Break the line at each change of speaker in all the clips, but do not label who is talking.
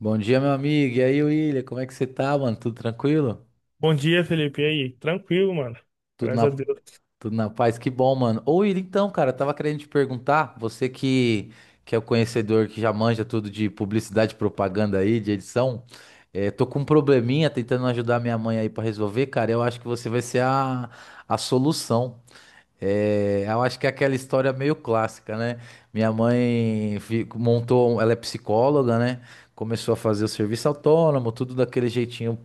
Bom dia, meu amigo. E aí, William, como é que você tá, mano? Tudo tranquilo?
Bom dia, Felipe. E aí? Tranquilo, mano.
Tudo
Graças
na,
a Deus.
tudo na paz? Que bom, mano. Ô, William, então, cara, eu tava querendo te perguntar, que é o conhecedor que já manja tudo de publicidade, propaganda aí, de edição, tô com um probleminha tentando ajudar minha mãe aí pra resolver, cara. Eu acho que você vai ser a solução. Eu acho que é aquela história meio clássica, né? Minha mãe montou, ela é psicóloga, né? Começou a fazer o serviço autônomo, tudo daquele jeitinho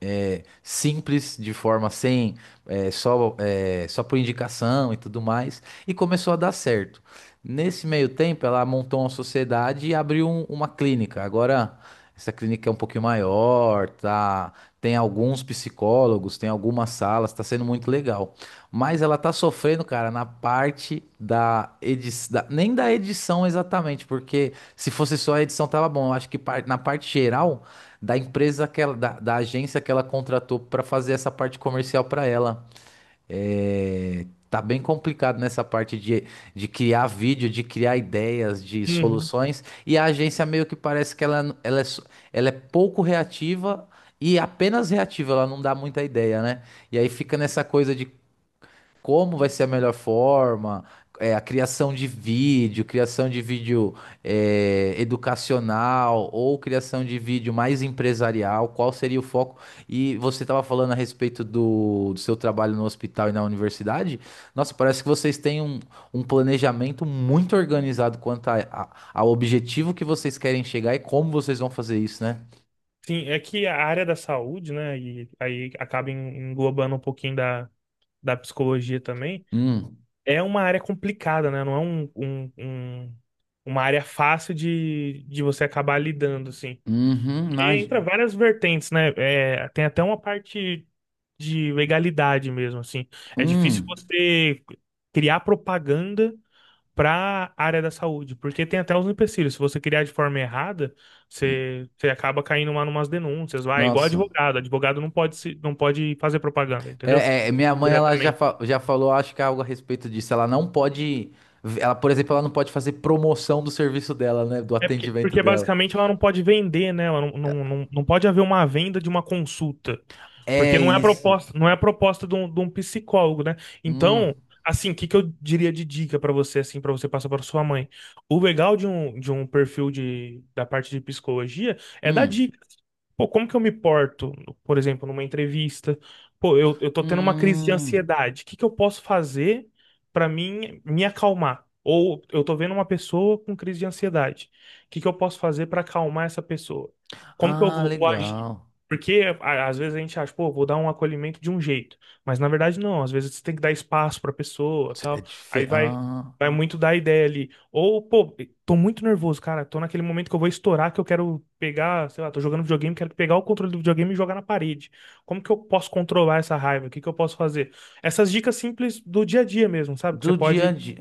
é, simples, de forma sem, é, só por indicação e tudo mais, e começou a dar certo. Nesse meio tempo, ela montou uma sociedade e abriu uma clínica. Agora, essa clínica é um pouquinho maior, tá? Tem alguns psicólogos, tem algumas salas, tá sendo muito legal. Mas ela tá sofrendo, cara, na parte da edição, nem da edição exatamente, porque se fosse só a edição tava bom. Eu acho que na parte geral da empresa que ela, da agência que ela contratou para fazer essa parte comercial para ela. É, tá bem complicado nessa parte de criar vídeo, de criar ideias, de
Uhum.
soluções. E a agência meio que parece que é, só- ela é pouco reativa e apenas reativa, ela não dá muita ideia, né? E aí fica nessa coisa de como vai ser a melhor forma, é, a criação de vídeo é, educacional ou criação de vídeo mais empresarial, qual seria o foco? E você estava falando a respeito do seu trabalho no hospital e na universidade. Nossa, parece que vocês têm um, um planejamento muito organizado quanto ao objetivo que vocês querem chegar e como vocês vão fazer isso, né?
Sim, é que a área da saúde, né? E aí acaba englobando um pouquinho da, da psicologia também.
Hum,
É uma área complicada, né? Não é um, um- um- Uma área fácil de você acabar lidando, assim.
uhum,
E entra
imagina.
várias vertentes, né? É, tem até uma parte de legalidade mesmo, assim. É difícil
Hum,
você criar propaganda para a área da saúde, porque tem até uns empecilhos. Se você criar de forma errada, você acaba caindo lá numas denúncias, vai, igual
nossa.
advogado. Advogado não pode fazer propaganda, entendeu?
É, é, minha mãe, ela já,
Diretamente.
já falou, acho que é algo a respeito disso. Ela não pode. Ela, por exemplo, ela não pode fazer promoção do serviço dela, né? Do
É porque,
atendimento
porque
dela.
basicamente ela não pode vender, né? Ela não pode haver uma venda de uma consulta. Porque
É
não é a
isso.
proposta, não é a proposta de um psicólogo, né?
Hum,
Então, assim, o que que eu diria de dica para você, assim, para você passar para sua mãe? O legal de um perfil de, da parte de psicologia é dar
hum,
dicas. Pô, como que eu me porto, por exemplo, numa entrevista? Pô, eu tô tendo uma crise de
hum.
ansiedade. O que que eu posso fazer pra mim me acalmar? Ou eu tô vendo uma pessoa com crise de ansiedade. O que que eu posso fazer pra acalmar essa pessoa? Como que
Ah,
vou agir?
legal.
Porque às vezes a gente acha, pô, vou dar um acolhimento de um jeito, mas na verdade não, às vezes você tem que dar espaço pra pessoa,
É
tal. Aí
diferente.
vai
Ah,
Vai muito da ideia ali. Ou, pô, tô muito nervoso, cara. Tô naquele momento que eu vou estourar, que eu quero pegar, sei lá, tô jogando videogame, quero pegar o controle do videogame e jogar na parede. Como que eu posso controlar essa raiva? O que que eu posso fazer? Essas dicas simples do dia a dia mesmo, sabe? Que você
do dia a
pode.
dia.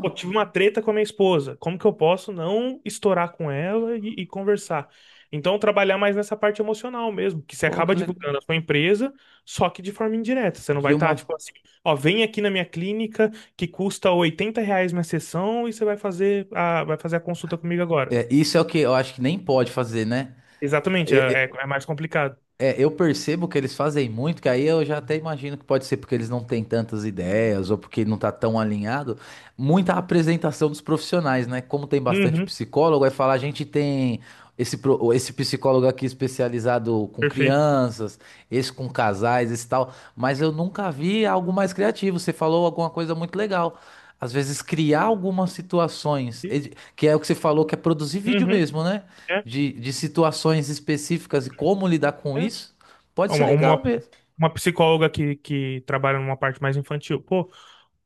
Pô, tive uma treta com a minha esposa. Como que eu posso não estourar com ela e conversar? Então, trabalhar mais nessa parte emocional mesmo, que você
Pô, que
acaba
legal.
divulgando a sua empresa, só que de forma indireta. Você não
De
vai estar,
uma.
tipo assim, ó, vem aqui na minha clínica que custa 80 reais minha sessão e você vai fazer vai fazer a consulta comigo agora.
É, isso é o que eu acho que nem pode fazer, né?
Exatamente, é mais complicado.
É, eu percebo que eles fazem muito, que aí eu já até imagino que pode ser porque eles não têm tantas ideias ou porque não tá tão alinhado. Muita apresentação dos profissionais, né? Como tem bastante
Uhum,
psicólogo, aí falar a gente tem esse, esse psicólogo aqui especializado com
perfeito.
crianças, esse com casais, esse tal, mas eu nunca vi algo mais criativo. Você falou alguma coisa muito legal. Às vezes criar algumas situações, ed- que é o que você falou, que é produzir vídeo
Uhum,
mesmo, né?
é,
De situações específicas e como lidar com
é.
isso, pode ser
Uma, uma,
legal mesmo.
uma psicóloga que trabalha numa parte mais infantil. Pô,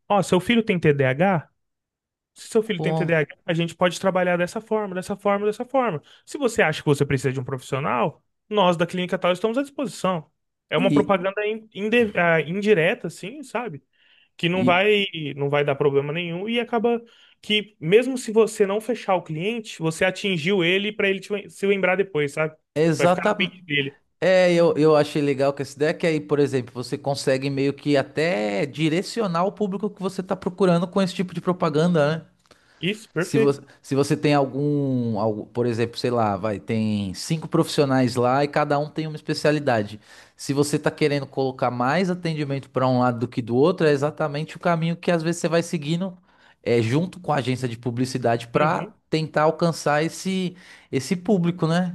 ó, seu filho tem TDAH? Se seu filho tem TDAH,
Com-
a H, a gente pode trabalhar dessa forma, dessa forma, dessa forma. Se você acha que você precisa de um profissional, nós da clínica tal estamos à disposição. É uma
E,
propaganda indireta, assim, sabe? Que não
e
vai, não vai dar problema nenhum e acaba que, mesmo se você não fechar o cliente, você atingiu ele para se lembrar depois, sabe? Vai ficar na
exatamente.
mente dele.
É, eu achei legal com essa ideia que aí, por exemplo, você consegue meio que até direcionar o público que você está procurando com esse tipo de propaganda, né?
Isso, perfeito.
Se você tem algum, algu- por exemplo, sei lá, vai, tem cinco profissionais lá e cada um tem uma especialidade. Se você tá querendo colocar mais atendimento para um lado do que do outro, é exatamente o caminho que às vezes você vai seguindo é, junto com a agência de publicidade para
Uhum,
tentar alcançar esse, esse público, né?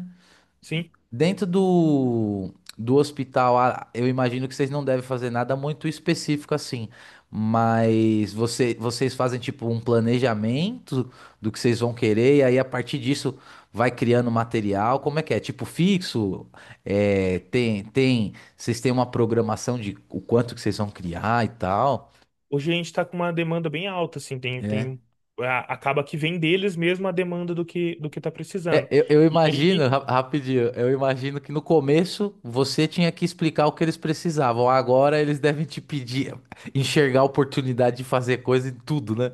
sim.
Dentro do hospital, ah, eu imagino que vocês não devem fazer nada muito específico assim, mas você, vocês fazem tipo um planejamento do que vocês vão querer, e aí a partir disso vai criando material. Como é que é? Tipo fixo? É, tem, vocês têm uma programação de o quanto que vocês vão criar e tal?
Hoje a gente está com uma demanda bem alta, assim, acaba que vem deles mesmo a demanda do que está
É,
precisando.
eu
E
imagino,
aí,
rapidinho, eu imagino que no começo você tinha que explicar o que eles precisavam. Agora eles devem te pedir, enxergar a oportunidade de fazer coisa em tudo, né?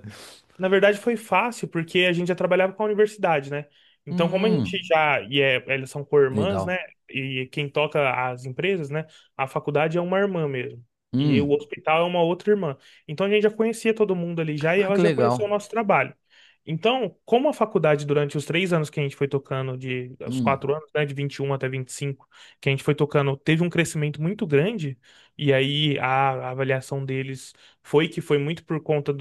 na verdade, foi fácil, porque a gente já trabalhava com a universidade, né? Então, como a gente
Hum,
já. E é, elas são co-irmãs, né?
legal.
E quem toca as empresas, né? A faculdade é uma irmã mesmo. E o
Hum,
hospital é uma outra irmã. Então, a gente já conhecia todo mundo ali já e
ah, que
elas já conheciam o
legal.
nosso trabalho. Então, como a faculdade, durante os três anos que a gente foi tocando, de, os
Hum,
quatro anos, né, de 21 até 25 que a gente foi tocando, teve um crescimento muito grande, e aí a avaliação deles foi que foi muito por conta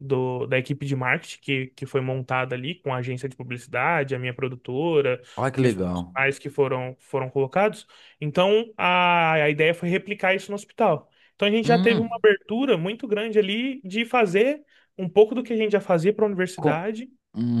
da equipe de marketing que foi montada ali com a agência de publicidade, a minha produtora
olha que
e os
legal.
profissionais foram colocados. Então, a ideia foi replicar isso no hospital. Então, a gente já teve uma
Hum,
abertura muito grande ali de fazer um pouco do que a gente já fazia para a
com,
universidade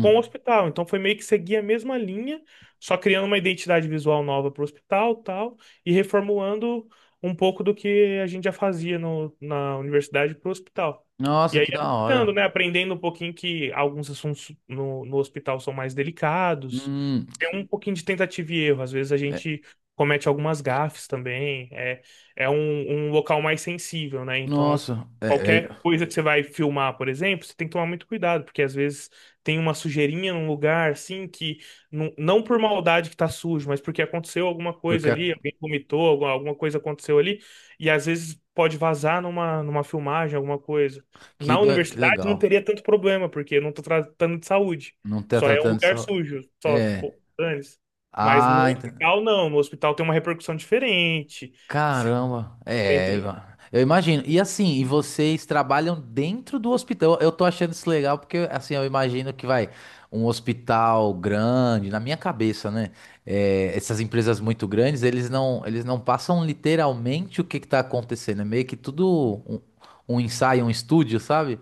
com o hospital. Então, foi meio que seguir a mesma linha, só criando uma identidade visual nova para o hospital, tal, e reformulando um pouco do que a gente já fazia na universidade para o hospital. E
nossa, que da
adaptando,
hora.
né? Aprendendo um pouquinho que alguns assuntos no hospital são mais delicados.
Hum,
Tem um pouquinho de tentativa e erro. Às vezes a
é,
gente comete algumas gafes também. É, é um, um local mais sensível, né? Então,
nossa, é, é,
qualquer coisa que você vai filmar, por exemplo, você tem que tomar muito cuidado, porque às vezes tem uma sujeirinha num lugar, assim, que não por maldade que tá sujo, mas porque aconteceu alguma coisa
porque
ali,
aqui,
alguém vomitou, alguma coisa aconteceu ali, e às vezes pode vazar numa filmagem, alguma coisa.
que
Na
da- que
universidade não
legal.
teria tanto problema, porque eu não tô tratando de saúde.
Não tá
Só é um
tratando
lugar
só.
sujo, só,
É.
pô, dane-se. Mas no
Ah, ent-
hospital, não. No hospital tem uma repercussão diferente.
Caramba,
Tem,
é,
tem.
eu imagino. E assim, e vocês trabalham dentro do hospital? Eu tô achando isso legal porque assim, eu imagino que vai um hospital grande, na minha cabeça, né? É, essas empresas muito grandes, eles não passam literalmente o que que tá acontecendo. É meio que tudo um, um ensaio, um estúdio, sabe?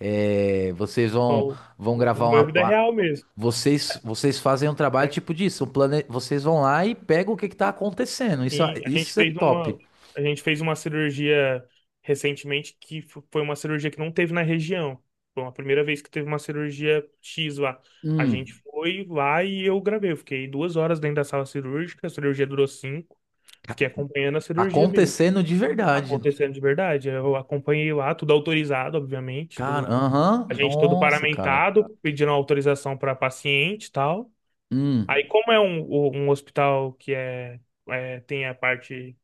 É,
O,
vão
o
gravar
meu
uma,
é vida
pa-
real mesmo,
vocês fazem um trabalho
né?
tipo disso, um plane... vocês vão lá e pegam o que que tá acontecendo.
E a gente
Isso é
fez
top.
uma, a gente fez uma cirurgia recentemente foi uma cirurgia que não teve na região. Foi a primeira vez que teve uma cirurgia X lá. A gente
Hum,
foi lá e eu gravei. Eu fiquei 2 horas dentro da sala cirúrgica, a cirurgia durou cinco.
ca-
Fiquei acompanhando a cirurgia mesmo,
acontecendo de verdade.
acontecendo de verdade. Eu acompanhei lá, tudo autorizado, obviamente,
Cara,
a
aham,
gente todo
nossa, cara.
paramentado, pedindo autorização para paciente e tal.
Hum,
Aí, como é um, um hospital é tem a parte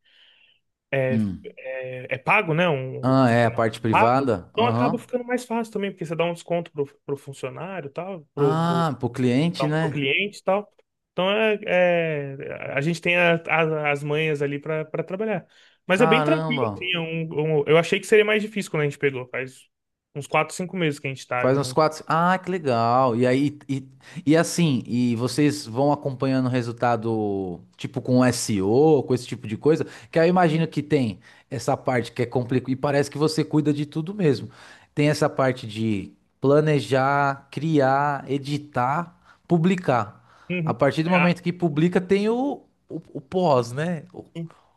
hum.
é pago, né? Um
Ah, é a
hospital
parte
pago,
privada?
então acaba
Aham.
ficando mais fácil também, porque você dá um desconto pro funcionário, e tal,
Ah, pro cliente,
pro
né?
cliente, e tal. Então é, a gente tem as manhas ali para trabalhar. Mas é bem tranquilo,
Caramba.
assim, eu achei que seria mais difícil quando a gente pegou, faz uns 4, 5 meses que a gente tá
Faz uns
junto.
quatro. Ah, que legal. E aí, e assim, e vocês vão acompanhando o resultado, tipo com SEO, com esse tipo de coisa, que aí eu imagino que tem essa parte que é complicada, e parece que você cuida de tudo mesmo. Tem essa parte de planejar, criar, editar, publicar. A
Uhum.
partir do
É,
momento que publica, tem o pós, né?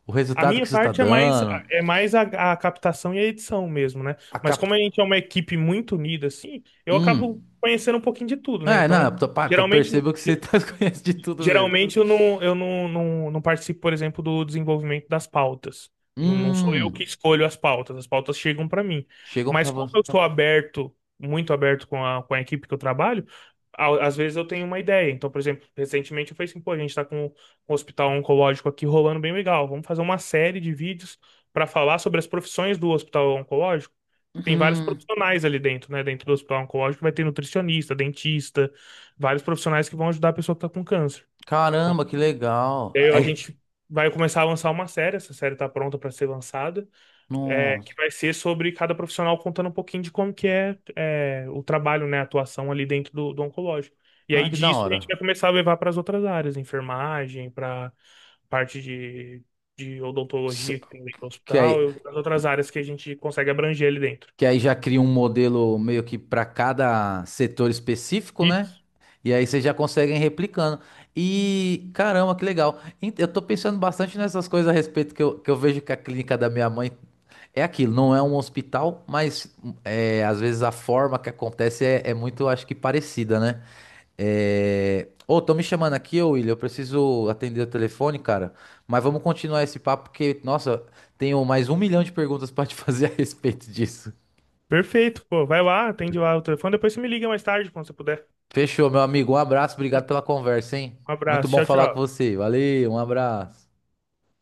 O
a
resultado
minha
que isso tá
parte
dando,
é mais a captação e a edição mesmo, né?
a
Mas como
capta.
a gente é uma equipe muito unida, assim, eu acabo
Hum.
conhecendo um pouquinho de tudo, né?
É, não,
Então,
eu, tô- pá, eu
geralmente,
percebo que você tá, conhece de tudo mesmo.
Geralmente, eu não não participo, por exemplo, do desenvolvimento das pautas. Não sou eu que
Hum,
escolho as pautas chegam para mim.
chegam pra
Mas como
você.
eu sou aberto, muito aberto com com a equipe que eu trabalho, às vezes eu tenho uma ideia. Então, por exemplo, recentemente eu falei assim, pô, a gente está com um hospital oncológico aqui rolando bem legal. Vamos fazer uma série de vídeos para falar sobre as profissões do hospital oncológico. Tem vários
Hum,
profissionais ali dentro, né? Dentro do hospital oncológico vai ter nutricionista, dentista, vários profissionais que vão ajudar a pessoa que está com câncer.
caramba, que legal.
E aí a
É,
gente vai começar a lançar uma série, essa série tá pronta para ser lançada, é, que
nossa,
vai ser sobre cada profissional contando um pouquinho de como que é, é, o trabalho, né, a atuação ali dentro do oncológico. E aí
ah, que da
disso a gente
hora.
vai começar a levar para as outras áreas, enfermagem, para parte de odontologia
Se-
que tem dentro do
Que aí,
hospital, e as outras áreas que a gente consegue abranger ali dentro.
que aí já cria um modelo meio que pra cada setor específico, né?
Isso.
E aí vocês já conseguem replicando. E caramba, que legal. Ent- Eu tô pensando bastante nessas coisas a respeito que eu vejo que a clínica da minha mãe é aquilo, não é um hospital, mas é, às vezes a forma que acontece é, é muito, acho que, parecida, né? É... Ô, tô me chamando aqui, ô William. Eu preciso atender o telefone, cara. Mas vamos continuar esse papo, porque, nossa, tenho mais um milhão de perguntas pra te fazer a respeito disso.
Perfeito, pô. Vai lá, atende lá o telefone, depois você me liga mais tarde, quando você puder.
Fechou, meu amigo. Um abraço, obrigado pela conversa, hein?
Um
Muito
abraço,
bom
tchau,
falar com
tchau.
você. Valeu, um abraço.